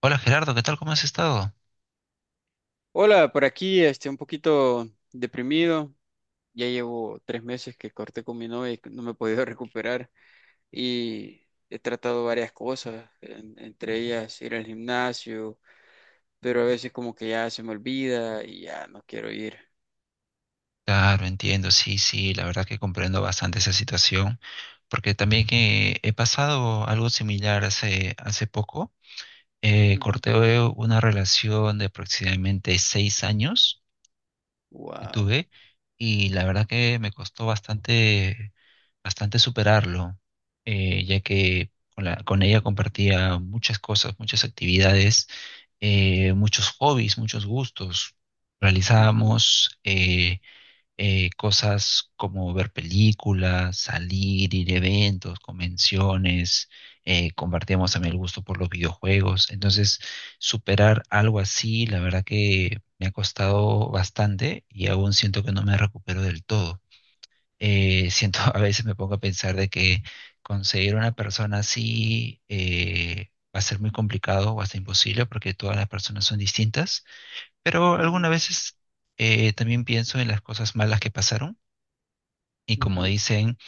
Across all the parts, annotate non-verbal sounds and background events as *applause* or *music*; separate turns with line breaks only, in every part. Hola Gerardo, ¿qué tal? ¿Cómo has estado?
Hola, por aquí un poquito deprimido. Ya llevo 3 meses que corté con mi novia y no me he podido *laughs* recuperar. Y he tratado varias cosas, entre ellas ir al gimnasio, pero a veces como que ya se me olvida y ya no quiero ir.
Claro, entiendo, sí, sí, la verdad que comprendo bastante esa situación, porque también que he pasado algo similar hace poco.
Ujú.
Corté una relación de aproximadamente 6 años que
Wow.
tuve y la verdad que me costó bastante, bastante superarlo, ya que con ella compartía muchas cosas, muchas actividades, muchos hobbies, muchos gustos.
Ujú,
Realizábamos cosas como ver películas, salir, ir a eventos, convenciones, compartíamos también el gusto por los videojuegos. Entonces, superar algo así, la verdad que me ha costado bastante y aún siento que no me recupero del todo. Siento, *laughs* a veces me pongo a pensar de que conseguir una persona así va a ser muy complicado o hasta imposible porque todas las personas son distintas, pero
ujú,
algunas veces también pienso en las cosas malas que pasaron y como
ujú.
dicen,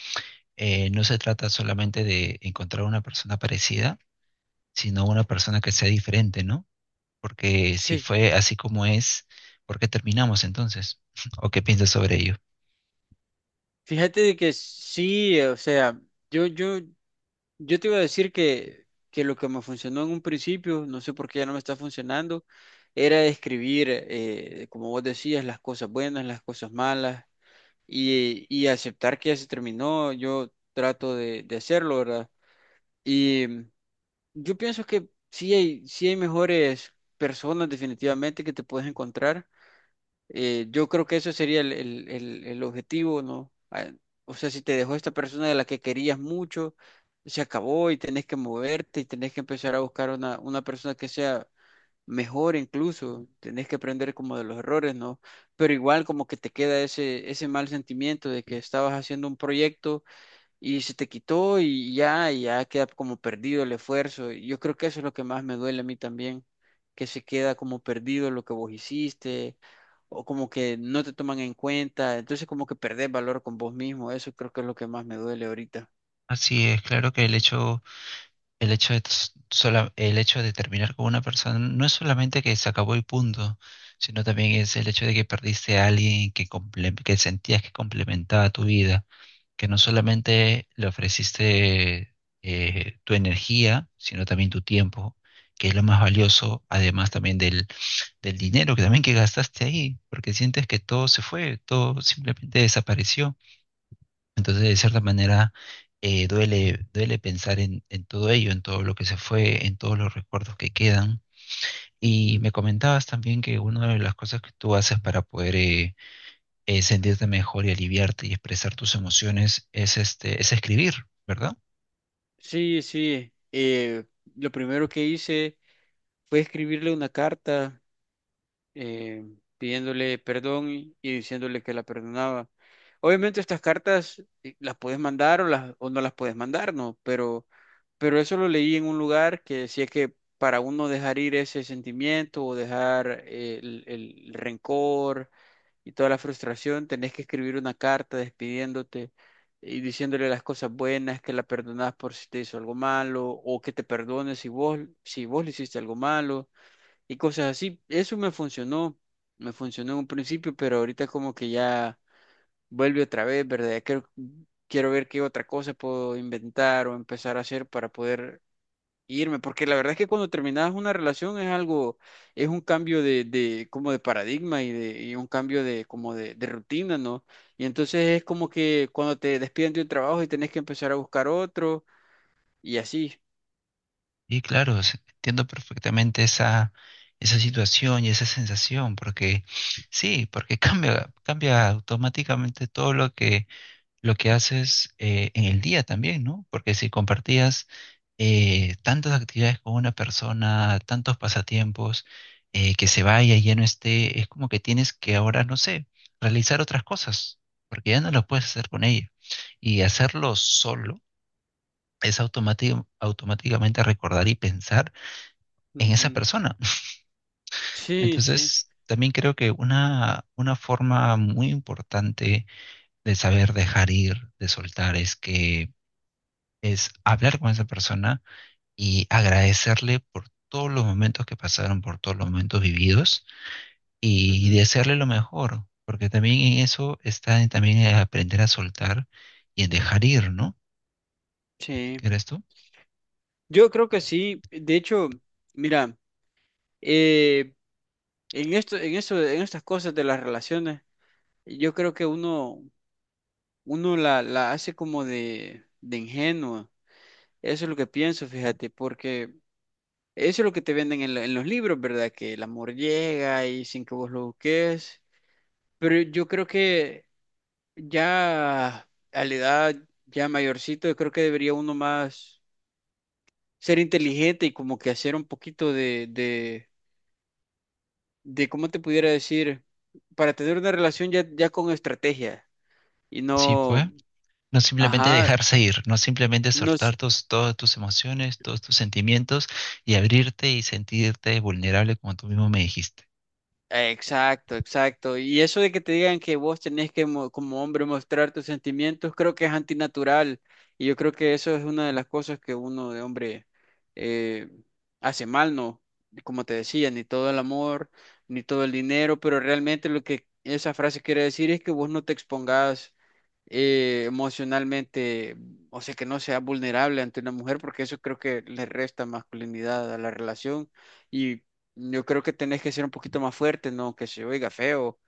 no se trata solamente de encontrar una persona parecida, sino una persona que sea diferente, ¿no? Porque si
Sí,
fue así como es, ¿por qué terminamos entonces? *laughs* ¿O qué piensas sobre ello?
fíjate de que sí, o sea, yo, yo Yo te iba a decir que lo que me funcionó en un principio, no sé por qué ya no me está funcionando, era escribir, como vos decías, las cosas buenas, las cosas malas y aceptar que ya se terminó. Yo trato de hacerlo, ¿verdad? Y yo pienso que sí hay mejores personas definitivamente que te puedes encontrar. Yo creo que eso sería el objetivo, ¿no? Ah, o sea, si te dejó esta persona de la que querías mucho, se acabó y tenés que moverte y tenés que empezar a buscar una persona que sea mejor incluso, tenés que aprender como de los errores, ¿no? Pero igual como que te queda ese mal sentimiento de que estabas haciendo un proyecto y se te quitó y ya queda como perdido el esfuerzo. Y yo creo que eso es lo que más me duele a mí también, que se queda como perdido lo que vos hiciste, o como que no te toman en cuenta, entonces como que perdés valor con vos mismo, eso creo que es lo que más me duele ahorita.
Así es, claro que el hecho de, el hecho de terminar con una persona no es solamente que se acabó el punto, sino también es el hecho de que perdiste a alguien que sentías que complementaba tu vida, que no solamente le ofreciste tu energía, sino también tu tiempo, que es lo más valioso, además también del dinero que también que gastaste ahí, porque sientes que todo se fue, todo simplemente desapareció. Entonces, de cierta manera, duele, duele pensar en todo ello, en todo lo que se fue, en todos los recuerdos que quedan. Y
Ujú.
me comentabas también que una de las cosas que tú haces para poder sentirte mejor y aliviarte y expresar tus emociones es, este, es escribir, ¿verdad?
Sí, sí, lo primero que hice fue escribirle una carta eh, pidiéndole perdón y diciéndole que la perdonaba. Obviamente estas cartas las puedes mandar o no las puedes mandar, ¿no? Pero eso lo leí en un lugar que decía que para uno dejar ir ese sentimiento o dejar el rencor y toda la frustración, tenés que escribir una carta despidiéndote y diciéndole las cosas buenas, que la perdonás por si te hizo algo malo o que te perdones si vos, si vos le hiciste algo malo y cosas así. Eso me funcionó en un principio, pero ahorita como que ya vuelve otra vez, ¿verdad? Ya quiero ver qué otra cosa puedo inventar o empezar a hacer para poder irme, porque la verdad es que cuando terminas una relación es un cambio de como de paradigma y un cambio de como de rutina, ¿no? Y entonces es como que cuando te despiden de un trabajo y tenés que empezar a buscar otro y así.
Y claro, entiendo perfectamente esa, esa situación y esa sensación, porque sí, porque *laughs* cambia, cambia automáticamente todo lo que haces en el día también, ¿no? Porque si compartías tantas actividades con una persona, tantos pasatiempos, que se vaya y ya no esté, es como que tienes que ahora, no sé, realizar otras cosas, porque ya no lo puedes hacer con ella. Y hacerlo solo es automáticamente recordar y pensar en esa
Ujú.
persona. *laughs*
Sí, sí.
Entonces, también creo que una forma muy importante de saber dejar ir, de soltar, es hablar con esa persona y agradecerle por todos los momentos que pasaron, por todos los momentos vividos y
Ujú,
desearle lo mejor, porque también en eso está en también en aprender a soltar y en dejar ir, ¿no?
sí.
¿Crees tú?
Yo creo que sí. De hecho, mira, eh, en esto, en eso, en estas cosas de las relaciones, yo creo que uno la hace como de ingenua. Eso es lo que pienso, fíjate, porque eso es lo que te venden en los libros, ¿verdad? Que el amor llega y sin que vos lo busques. Pero yo creo que ya a la edad ya mayorcito, yo creo que debería uno más ser inteligente y como que hacer un poquito de cómo te pudiera decir, para tener una relación ya, ya con estrategia y
Sí, pues.
no.
No simplemente
Ajá,
dejarse ir, no simplemente
no,
soltar todas tus emociones, todos tus sentimientos y abrirte y sentirte vulnerable como tú mismo me dijiste.
exacto, exacto. Y eso de que te digan que vos tenés que como hombre mostrar tus sentimientos, creo que es antinatural. Y yo creo que eso es una de las cosas que uno de hombre eh, hace mal, ¿no? Como te decía, ni todo el amor, ni todo el dinero, pero realmente lo que esa frase quiere decir es que vos no te expongas emocionalmente, o sea, que no sea vulnerable ante una mujer, porque eso creo que le resta masculinidad a la relación. Y yo creo que tenés que ser un poquito más fuerte, no que se oiga feo,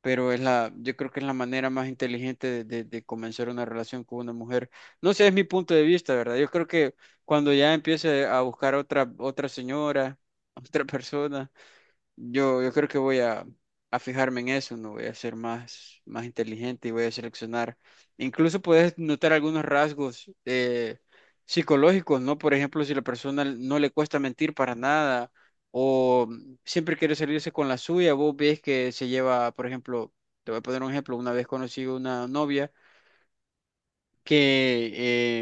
pero yo creo que es la manera más inteligente de comenzar una relación con una mujer. No sé, es mi punto de vista, ¿verdad? Yo creo que cuando ya empiece a buscar otra señora, *laughs* otra persona. Yo creo que voy a fijarme en eso, no voy a ser más inteligente y voy a seleccionar. Incluso puedes notar algunos rasgos psicológicos, ¿no? Por ejemplo, si la persona no le cuesta mentir para nada o siempre quiere salirse con la suya, vos ves que se lleva, por ejemplo, te voy a poner un ejemplo, una vez conocí una novia que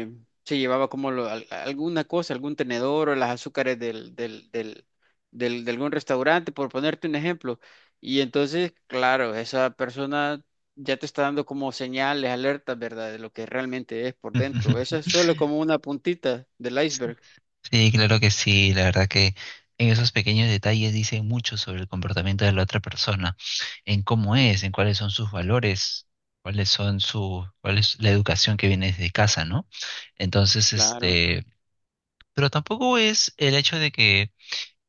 eh, se llevaba como alguna cosa, algún tenedor o las azúcares de algún restaurante, por ponerte un ejemplo. Y entonces, claro, esa persona ya te está dando como señales, alertas, ¿verdad? De lo que realmente es por dentro. Eso es
*laughs*
solo como una puntita del iceberg.
Sí, claro que sí. La verdad que en esos pequeños detalles dicen mucho sobre el comportamiento de la otra persona, en cómo es,
Ujú,
en cuáles son sus valores, cuál es la educación que viene desde casa, ¿no? Entonces,
claro.
este, pero tampoco es el hecho de que,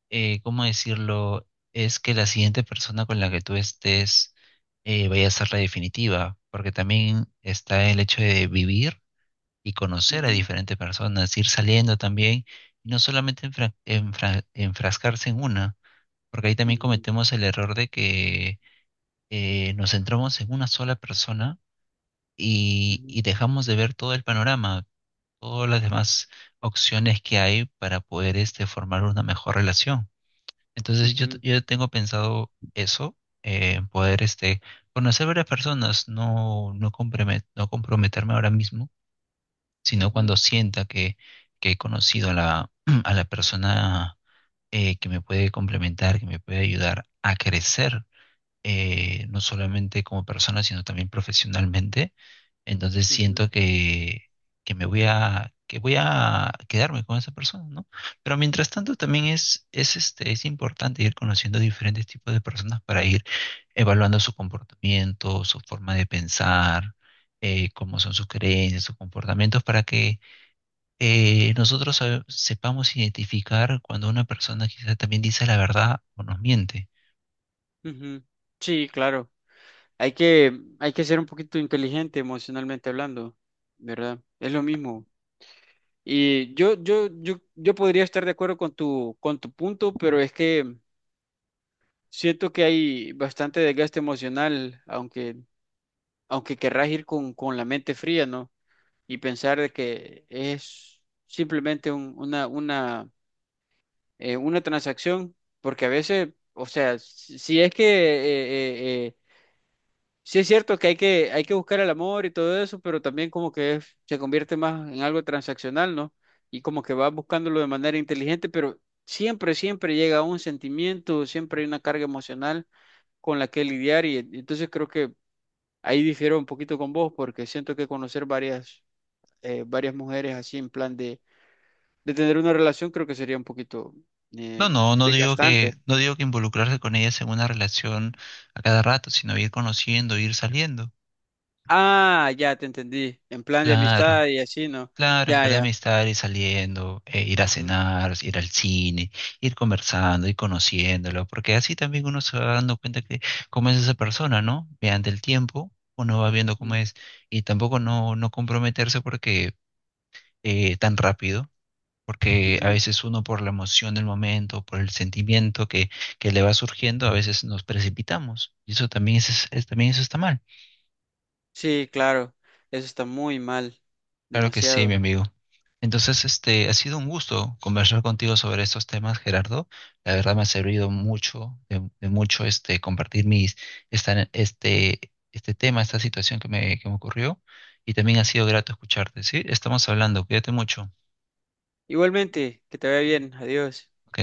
¿cómo decirlo? Es que la siguiente persona con la que tú estés vaya a ser la definitiva, porque también está el hecho de vivir y conocer a
Ujú,
diferentes personas, ir saliendo también, y no solamente enfrascarse en una, porque ahí también
ujú,
cometemos el error de que nos centramos en una sola persona
ujú,
y dejamos de ver todo el panorama, todas las demás opciones que hay para poder este, formar una mejor relación. Entonces
ujú,
yo tengo pensado eso, poder este, conocer varias personas, no no comprometerme ahora mismo sino
ujú,
cuando sienta que he conocido a la, *clears throat* a la persona que me puede complementar, que me puede ayudar a crecer, no solamente como persona, sino también profesionalmente. Entonces
ujú,
siento que me voy a, que voy a quedarme con esa persona, ¿no? Pero mientras tanto también es, este, es importante ir conociendo diferentes tipos de personas para ir evaluando su comportamiento, su forma de pensar, cómo son sus creencias, sus comportamientos, para que nosotros sepamos identificar cuando una persona quizá también dice la verdad o nos miente.
ujú. Sí, claro. Hay que ser un poquito inteligente emocionalmente hablando, ¿verdad? Es lo mismo. Y yo podría estar de acuerdo con tu punto, pero es que siento que hay bastante desgaste emocional, aunque querrás ir con la mente fría, ¿no? Y pensar de que es simplemente una transacción, porque a veces, o sea, si si es que Sí es cierto que hay que buscar el amor y todo eso, pero también como que se convierte más en algo transaccional, ¿no? Y como que vas buscándolo de manera inteligente, pero siempre, siempre llega un sentimiento, siempre hay una carga emocional con la que lidiar y entonces creo que ahí difiero un poquito con vos porque siento que conocer varias mujeres así en plan de tener una relación creo que sería un poquito
No,
eh,
no, no digo
desgastante.
que, no digo que involucrarse con ellas en una relación a cada rato, sino ir conociendo, ir saliendo.
Ah, ya te entendí, en plan de
Claro,
amistad y así, ¿no?
claro, en
Ya,
verdad
ya.
amistad, ir saliendo, ir a
Ujú,
cenar, ir al cine, ir conversando, ir conociéndolo, porque así también uno se va dando cuenta que cómo es esa persona, ¿no? Mediante el tiempo, uno va viendo cómo
ujú,
es, y tampoco no, no comprometerse porque tan rápido porque a
ujú.
veces uno por la emoción del momento, por el sentimiento que le va surgiendo, a veces nos precipitamos. Y eso también es, también eso está mal.
Sí, claro, eso está muy mal,
Claro que sí, mi
demasiado.
amigo. Entonces, este, ha sido un gusto conversar contigo sobre estos temas, Gerardo. La verdad me ha servido mucho, de mucho este, compartir mis, esta- este, este tema, esta situación que me ocurrió. Y también ha sido grato escucharte, ¿sí? Estamos hablando, cuídate mucho.
Igualmente, que te vaya bien, adiós.
Ok.